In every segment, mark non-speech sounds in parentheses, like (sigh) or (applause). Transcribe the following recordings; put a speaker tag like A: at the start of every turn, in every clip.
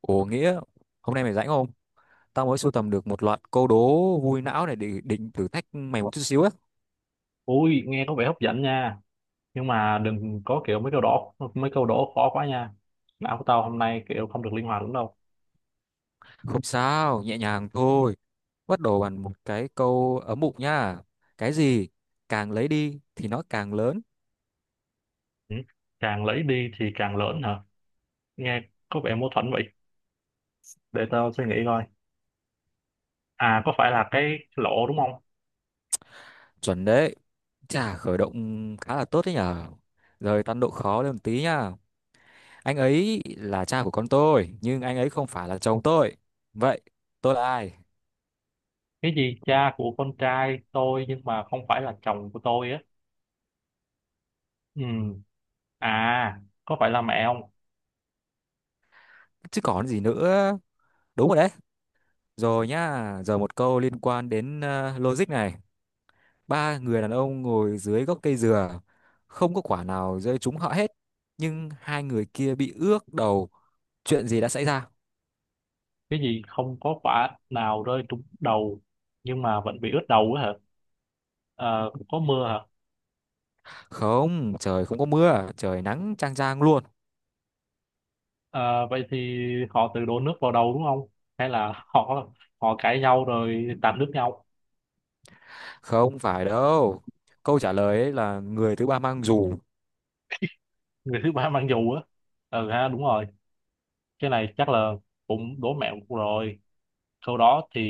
A: Ồ Nghĩa, hôm nay mày rảnh không? Tao mới sưu tầm được một loạt câu đố vui não này để định thử thách mày một chút xíu á.
B: Ui, nghe có vẻ hấp dẫn nha. Nhưng mà đừng có kiểu mấy câu đố khó quá nha. Não của tao hôm nay kiểu không được linh hoạt lắm đâu.
A: Không sao, nhẹ nhàng thôi. Bắt đầu bằng một cái câu ấm bụng nha. Cái gì càng lấy đi thì nó càng lớn.
B: Ừ. Càng lấy đi thì càng lớn hả? Nghe có vẻ mâu thuẫn vậy. Để tao suy nghĩ coi. À, có phải là cái lỗ đúng không?
A: Chuẩn đấy. Chà, khởi động khá là tốt đấy nhở. Rồi tăng độ khó lên một tí nha. Anh ấy là cha của con tôi, nhưng anh ấy không phải là chồng tôi. Vậy, tôi là ai?
B: Cái gì cha của con trai tôi nhưng mà không phải là chồng của tôi á. Ừ. À, có phải là mẹ không?
A: Chứ còn gì nữa. Đúng rồi đấy. Rồi nhá, giờ một câu liên quan đến logic này. Ba người đàn ông ngồi dưới gốc cây dừa, không có quả nào rơi trúng họ hết, nhưng hai người kia bị ướt đầu. Chuyện gì đã xảy ra?
B: Cái gì không có quả nào rơi trúng đầu nhưng mà vẫn bị ướt đầu á hả? Ờ, có mưa hả?
A: Không, trời không có mưa, trời nắng chang chang luôn.
B: Ờ, vậy thì họ tự đổ nước vào đầu đúng không? Hay là họ họ cãi nhau rồi tạt nước nhau,
A: Không phải đâu. Câu trả lời ấy là người thứ ba mang dù.
B: người thứ ba (laughs) mang dù á. Ừ ha, đúng rồi. Cái này chắc là cũng đố mẹo rồi. Sau đó thì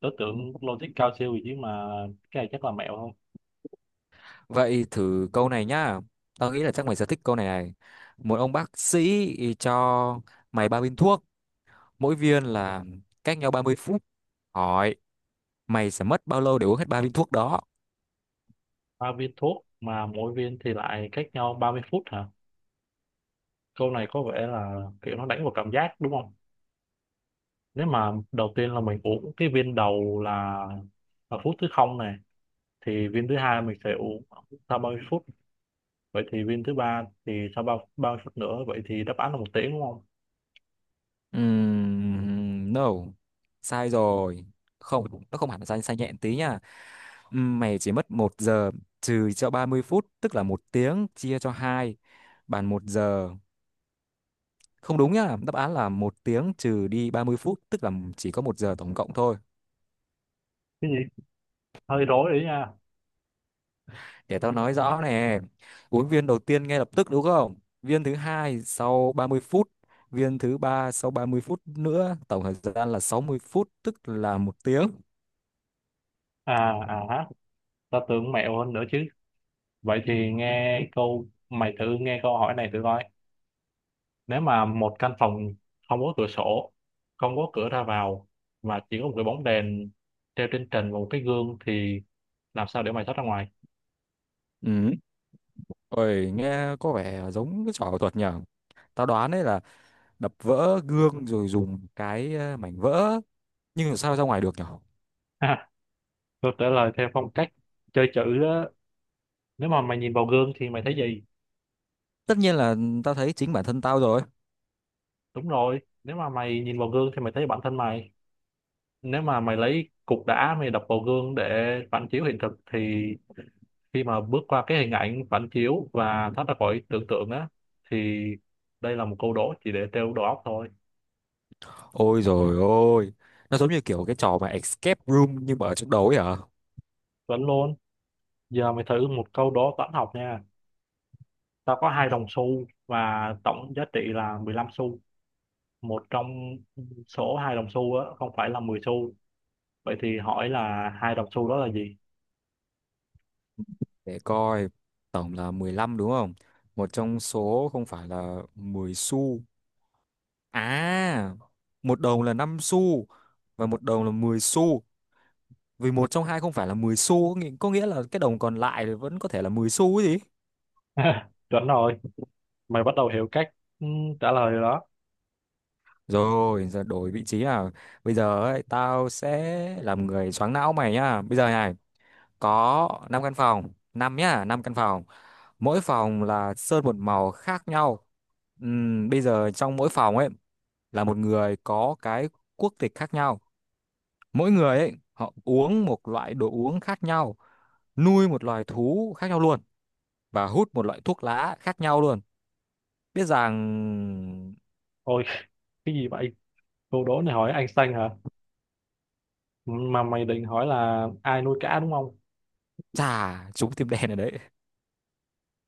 B: đối tượng logic cao siêu gì chứ mà cái này chắc là mẹo không?
A: Vậy thử câu này nhá. Tao nghĩ là chắc mày sẽ thích câu này này. Một ông bác sĩ cho mày ba viên thuốc, mỗi viên là cách nhau 30 phút. Hỏi mày sẽ mất bao lâu để uống hết ba viên thuốc đó.
B: Ba viên thuốc mà mỗi viên thì lại cách nhau 30 phút hả? Câu này có vẻ là kiểu nó đánh vào cảm giác đúng không? Nếu mà đầu tiên là mình uống cái viên đầu là phút thứ không này, thì viên thứ hai mình sẽ uống sau 30 phút, vậy thì viên thứ ba thì sau bao bao phút nữa? Vậy thì đáp án là 1 tiếng đúng không?
A: No, sai rồi, không, nó không hẳn là sai, sai nhẹ tí nha. Mày chỉ mất một giờ trừ cho 30 phút, tức là một tiếng chia cho hai, bàn một giờ không đúng nhá. Đáp án là một tiếng trừ đi 30 phút, tức là chỉ có một giờ tổng cộng thôi.
B: Cái gì hơi rối đấy nha.
A: Để tao nói rõ nè. Uống viên đầu tiên ngay lập tức đúng không? Viên thứ hai sau 30 phút, viên thứ ba sau 30 phút nữa, tổng thời gian là 60 phút tức là một tiếng.
B: À à ha ta tưởng mẹo hơn nữa chứ. Vậy thì nghe câu hỏi này thử coi: nếu mà một căn phòng không có cửa sổ, không có cửa ra vào, mà chỉ có một cái bóng đèn treo trên trần và một cái gương, thì làm sao để mày thoát ra ngoài?
A: Ừ. Ôi, nghe có vẻ giống cái trò ảo thuật nhở. Tao đoán đấy là đập vỡ gương rồi dùng cái mảnh vỡ. Nhưng mà sao ra ngoài được nhở?
B: Ha, câu trả lời theo phong cách chơi chữ đó. Nếu mà mày nhìn vào gương thì mày thấy gì?
A: Tất nhiên là tao thấy chính bản thân tao rồi.
B: Đúng rồi, nếu mà mày nhìn vào gương thì mày thấy bản thân mày. Nếu mà mày lấy cục đá mày đập vào gương để phản chiếu hiện thực, thì khi mà bước qua cái hình ảnh phản chiếu và thoát ra khỏi tưởng tượng á, thì đây là một câu đố chỉ để trêu đầu óc thôi.
A: Ôi rồi ôi, nó giống như kiểu cái trò mà escape room nhưng mà ở trong đầu ấy hả?
B: Vẫn luôn. Giờ mày thử một câu đố toán học nha. Tao có hai đồng xu và tổng giá trị là 15 xu. Một trong số hai đồng xu á không phải là 10 xu, vậy thì hỏi là hai đồng xu đó là gì?
A: Để coi, tổng là 15 đúng không? Một trong số không phải là 10 xu. À, một đồng là 5 xu và một đồng là 10 xu. Vì một trong hai không phải là 10 xu, có nghĩa là cái đồng còn lại thì vẫn có thể là 10 xu ấy gì.
B: (laughs) Chuẩn rồi, mày bắt đầu hiểu cách ừ, trả lời rồi đó.
A: Rồi, giờ đổi vị trí nào. Bây giờ ấy, tao sẽ làm người choáng não mày nhá. Bây giờ này, có 5 căn phòng, 5 nhá, 5 căn phòng. Mỗi phòng là sơn một màu khác nhau. Bây giờ trong mỗi phòng ấy là một người có cái quốc tịch khác nhau, mỗi người ấy họ uống một loại đồ uống khác nhau, nuôi một loài thú khác nhau luôn, và hút một loại thuốc lá khác nhau luôn, biết rằng
B: Ôi, cái gì vậy? Câu đố này hỏi Einstein hả? Mà mày định hỏi là ai nuôi cá đúng không?
A: trà trúng tim đen ở đấy.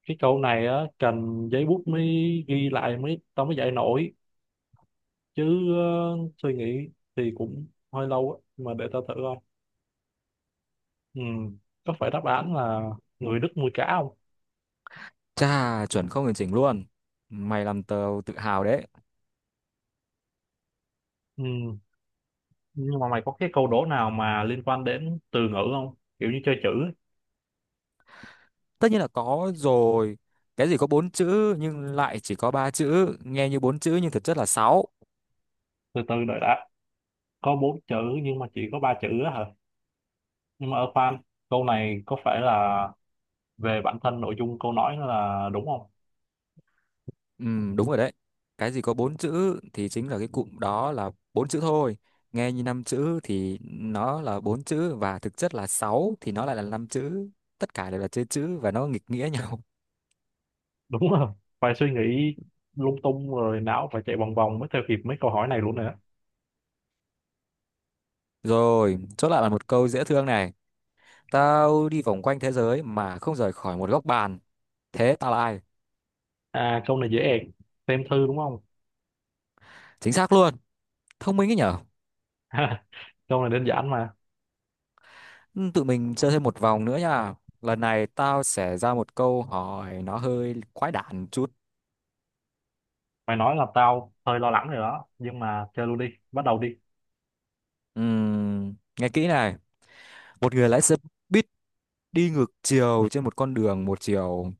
B: Cái câu này á cần giấy bút mới ghi lại tao mới dạy nổi chứ. Ờ, Suy nghĩ thì cũng hơi lâu á, mà để tao thử coi. ừ. Có phải đáp án là người Đức nuôi cá không?
A: Trà chuẩn không hoàn chỉnh luôn, mày làm tao tự hào đấy.
B: Ừ. Nhưng mà mày có cái câu đố nào mà liên quan đến từ ngữ không, kiểu như chơi chữ ấy.
A: Tất nhiên là có rồi. Cái gì có bốn chữ nhưng lại chỉ có ba chữ, nghe như bốn chữ nhưng thực chất là sáu.
B: Từ từ đợi đã, có bốn chữ nhưng mà chỉ có ba chữ á hả? Nhưng mà khoan, câu này có phải là về bản thân nội dung câu nói là đúng không?
A: Đúng rồi đấy. Cái gì có bốn chữ thì chính là cái cụm đó là bốn chữ thôi. Nghe như năm chữ thì nó là bốn chữ và thực chất là sáu thì nó lại là năm chữ. Tất cả đều là chơi chữ và nó nghịch nghĩa (laughs) nhau.
B: Đúng rồi, phải suy nghĩ lung tung rồi não phải chạy vòng vòng mới theo kịp mấy câu hỏi này luôn nữa.
A: Rồi, chốt lại là một câu dễ thương này. Tao đi vòng quanh thế giới mà không rời khỏi một góc bàn. Thế tao là ai?
B: À, câu này dễ ẹc, xem thư đúng không?
A: Chính xác luôn. Thông minh ấy nhở?
B: (laughs) Câu này đơn giản mà.
A: Ừ, tụi mình chơi thêm một vòng nữa nha. Lần này tao sẽ ra một câu hỏi nó hơi quái đản chút.
B: Mày nói là tao hơi lo lắng rồi đó, nhưng mà chơi luôn đi, bắt đầu đi.
A: Ừm, nghe kỹ này. Một người lái xe buýt đi ngược chiều trên một con đường một chiều,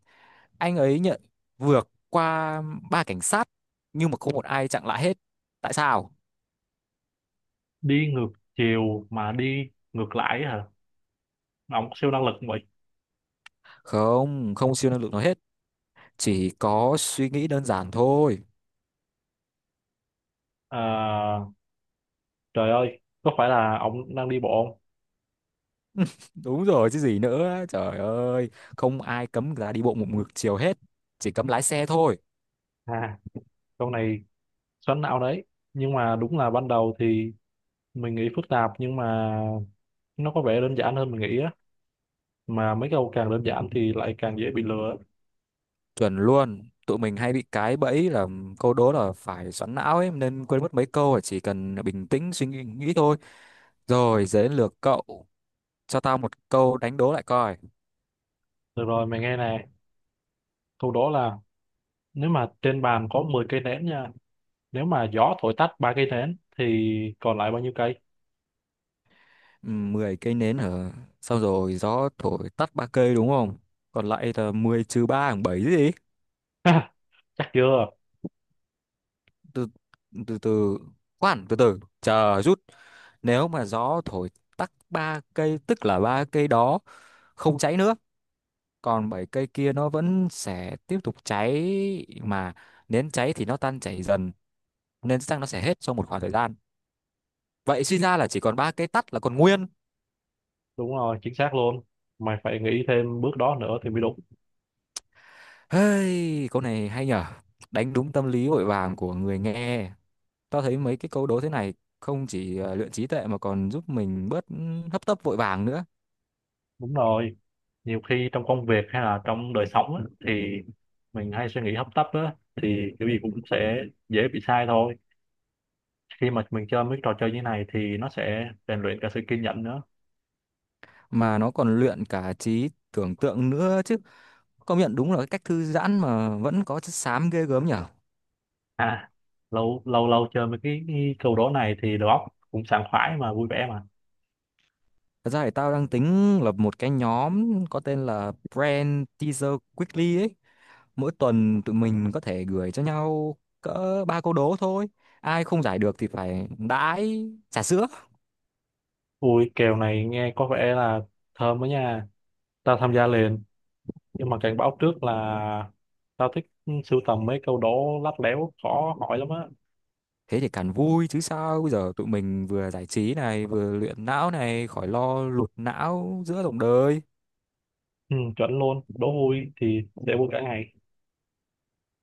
A: anh ấy nhận vượt qua ba cảnh sát nhưng mà không một ai chặn lại hết. Tại sao?
B: Đi ngược chiều mà đi ngược lại hả? Mà ông có siêu năng lực không vậy?
A: Không, không siêu năng lực nói hết, chỉ có suy nghĩ đơn giản thôi.
B: À, trời ơi, có phải là ông đang đi bộ
A: Đúng rồi chứ gì nữa trời ơi, không ai cấm người ta đi bộ một ngược chiều hết, chỉ cấm lái xe thôi.
B: không? À, câu này xoắn não đấy, nhưng mà đúng là ban đầu thì mình nghĩ phức tạp, nhưng mà nó có vẻ đơn giản hơn mình nghĩ á. Mà mấy câu càng đơn giản thì lại càng dễ bị lừa.
A: Chuẩn luôn, tụi mình hay bị cái bẫy là câu đố là phải xoắn não ấy, nên quên mất mấy câu chỉ cần bình tĩnh suy nghĩ nghĩ thôi. Rồi giờ đến lượt cậu, cho tao một câu đánh đố lại coi.
B: Được rồi, mày nghe nè, câu đó là nếu mà trên bàn có 10 cây nến nha, nếu mà gió thổi tắt ba cây nến thì còn lại bao nhiêu cây?
A: 10 cây nến hả? Xong rồi gió thổi tắt ba cây đúng không? Còn lại là 10 trừ 3 bằng 7 gì?
B: Ha, chắc chưa?
A: Từ từ từ khoan, từ từ chờ rút. Nếu mà gió thổi tắt ba cây tức là ba cây đó không cháy nữa, còn bảy cây kia nó vẫn sẽ tiếp tục cháy mà. Nến cháy thì nó tan chảy dần, nên chắc nó sẽ hết trong một khoảng thời gian. Vậy suy ra là chỉ còn ba cây tắt là còn nguyên.
B: Đúng rồi, chính xác luôn, mày phải nghĩ thêm bước đó nữa thì mới đúng.
A: Hey, câu này hay nhở, đánh đúng tâm lý vội vàng của người nghe. Tao thấy mấy cái câu đố thế này không chỉ luyện trí tuệ mà còn giúp mình bớt hấp tấp vội vàng nữa.
B: Đúng rồi, nhiều khi trong công việc hay là trong đời sống á, thì mình hay suy nghĩ hấp tấp á, thì cái gì cũng sẽ dễ bị sai thôi. Khi mà mình chơi mấy trò chơi như này thì nó sẽ rèn luyện cả sự kiên nhẫn nữa.
A: Mà nó còn luyện cả trí tưởng tượng nữa chứ, công nhận đúng là cái cách thư giãn mà vẫn có chất xám ghê gớm nhở.
B: À, lâu lâu lâu chơi mấy cái câu đố này thì đầu óc cũng sảng khoái mà vui vẻ mà.
A: Thật ra thì tao đang tính lập một cái nhóm có tên là Brand Teaser Quickly ấy, mỗi tuần tụi mình có thể gửi cho nhau cỡ ba câu đố thôi, ai không giải được thì phải đãi trà sữa.
B: Ui, kèo này nghe có vẻ là thơm đó nha. Tao tham gia liền, nhưng mà cảnh báo trước là tao thích sưu tầm mấy câu đố lắt léo khó hỏi lắm á.
A: Thế thì càng vui chứ sao, bây giờ tụi mình vừa giải trí này vừa luyện não này, khỏi lo lụt não giữa dòng đời.
B: Ừ, chuẩn luôn, đố vui thì sẽ vui cả ngày.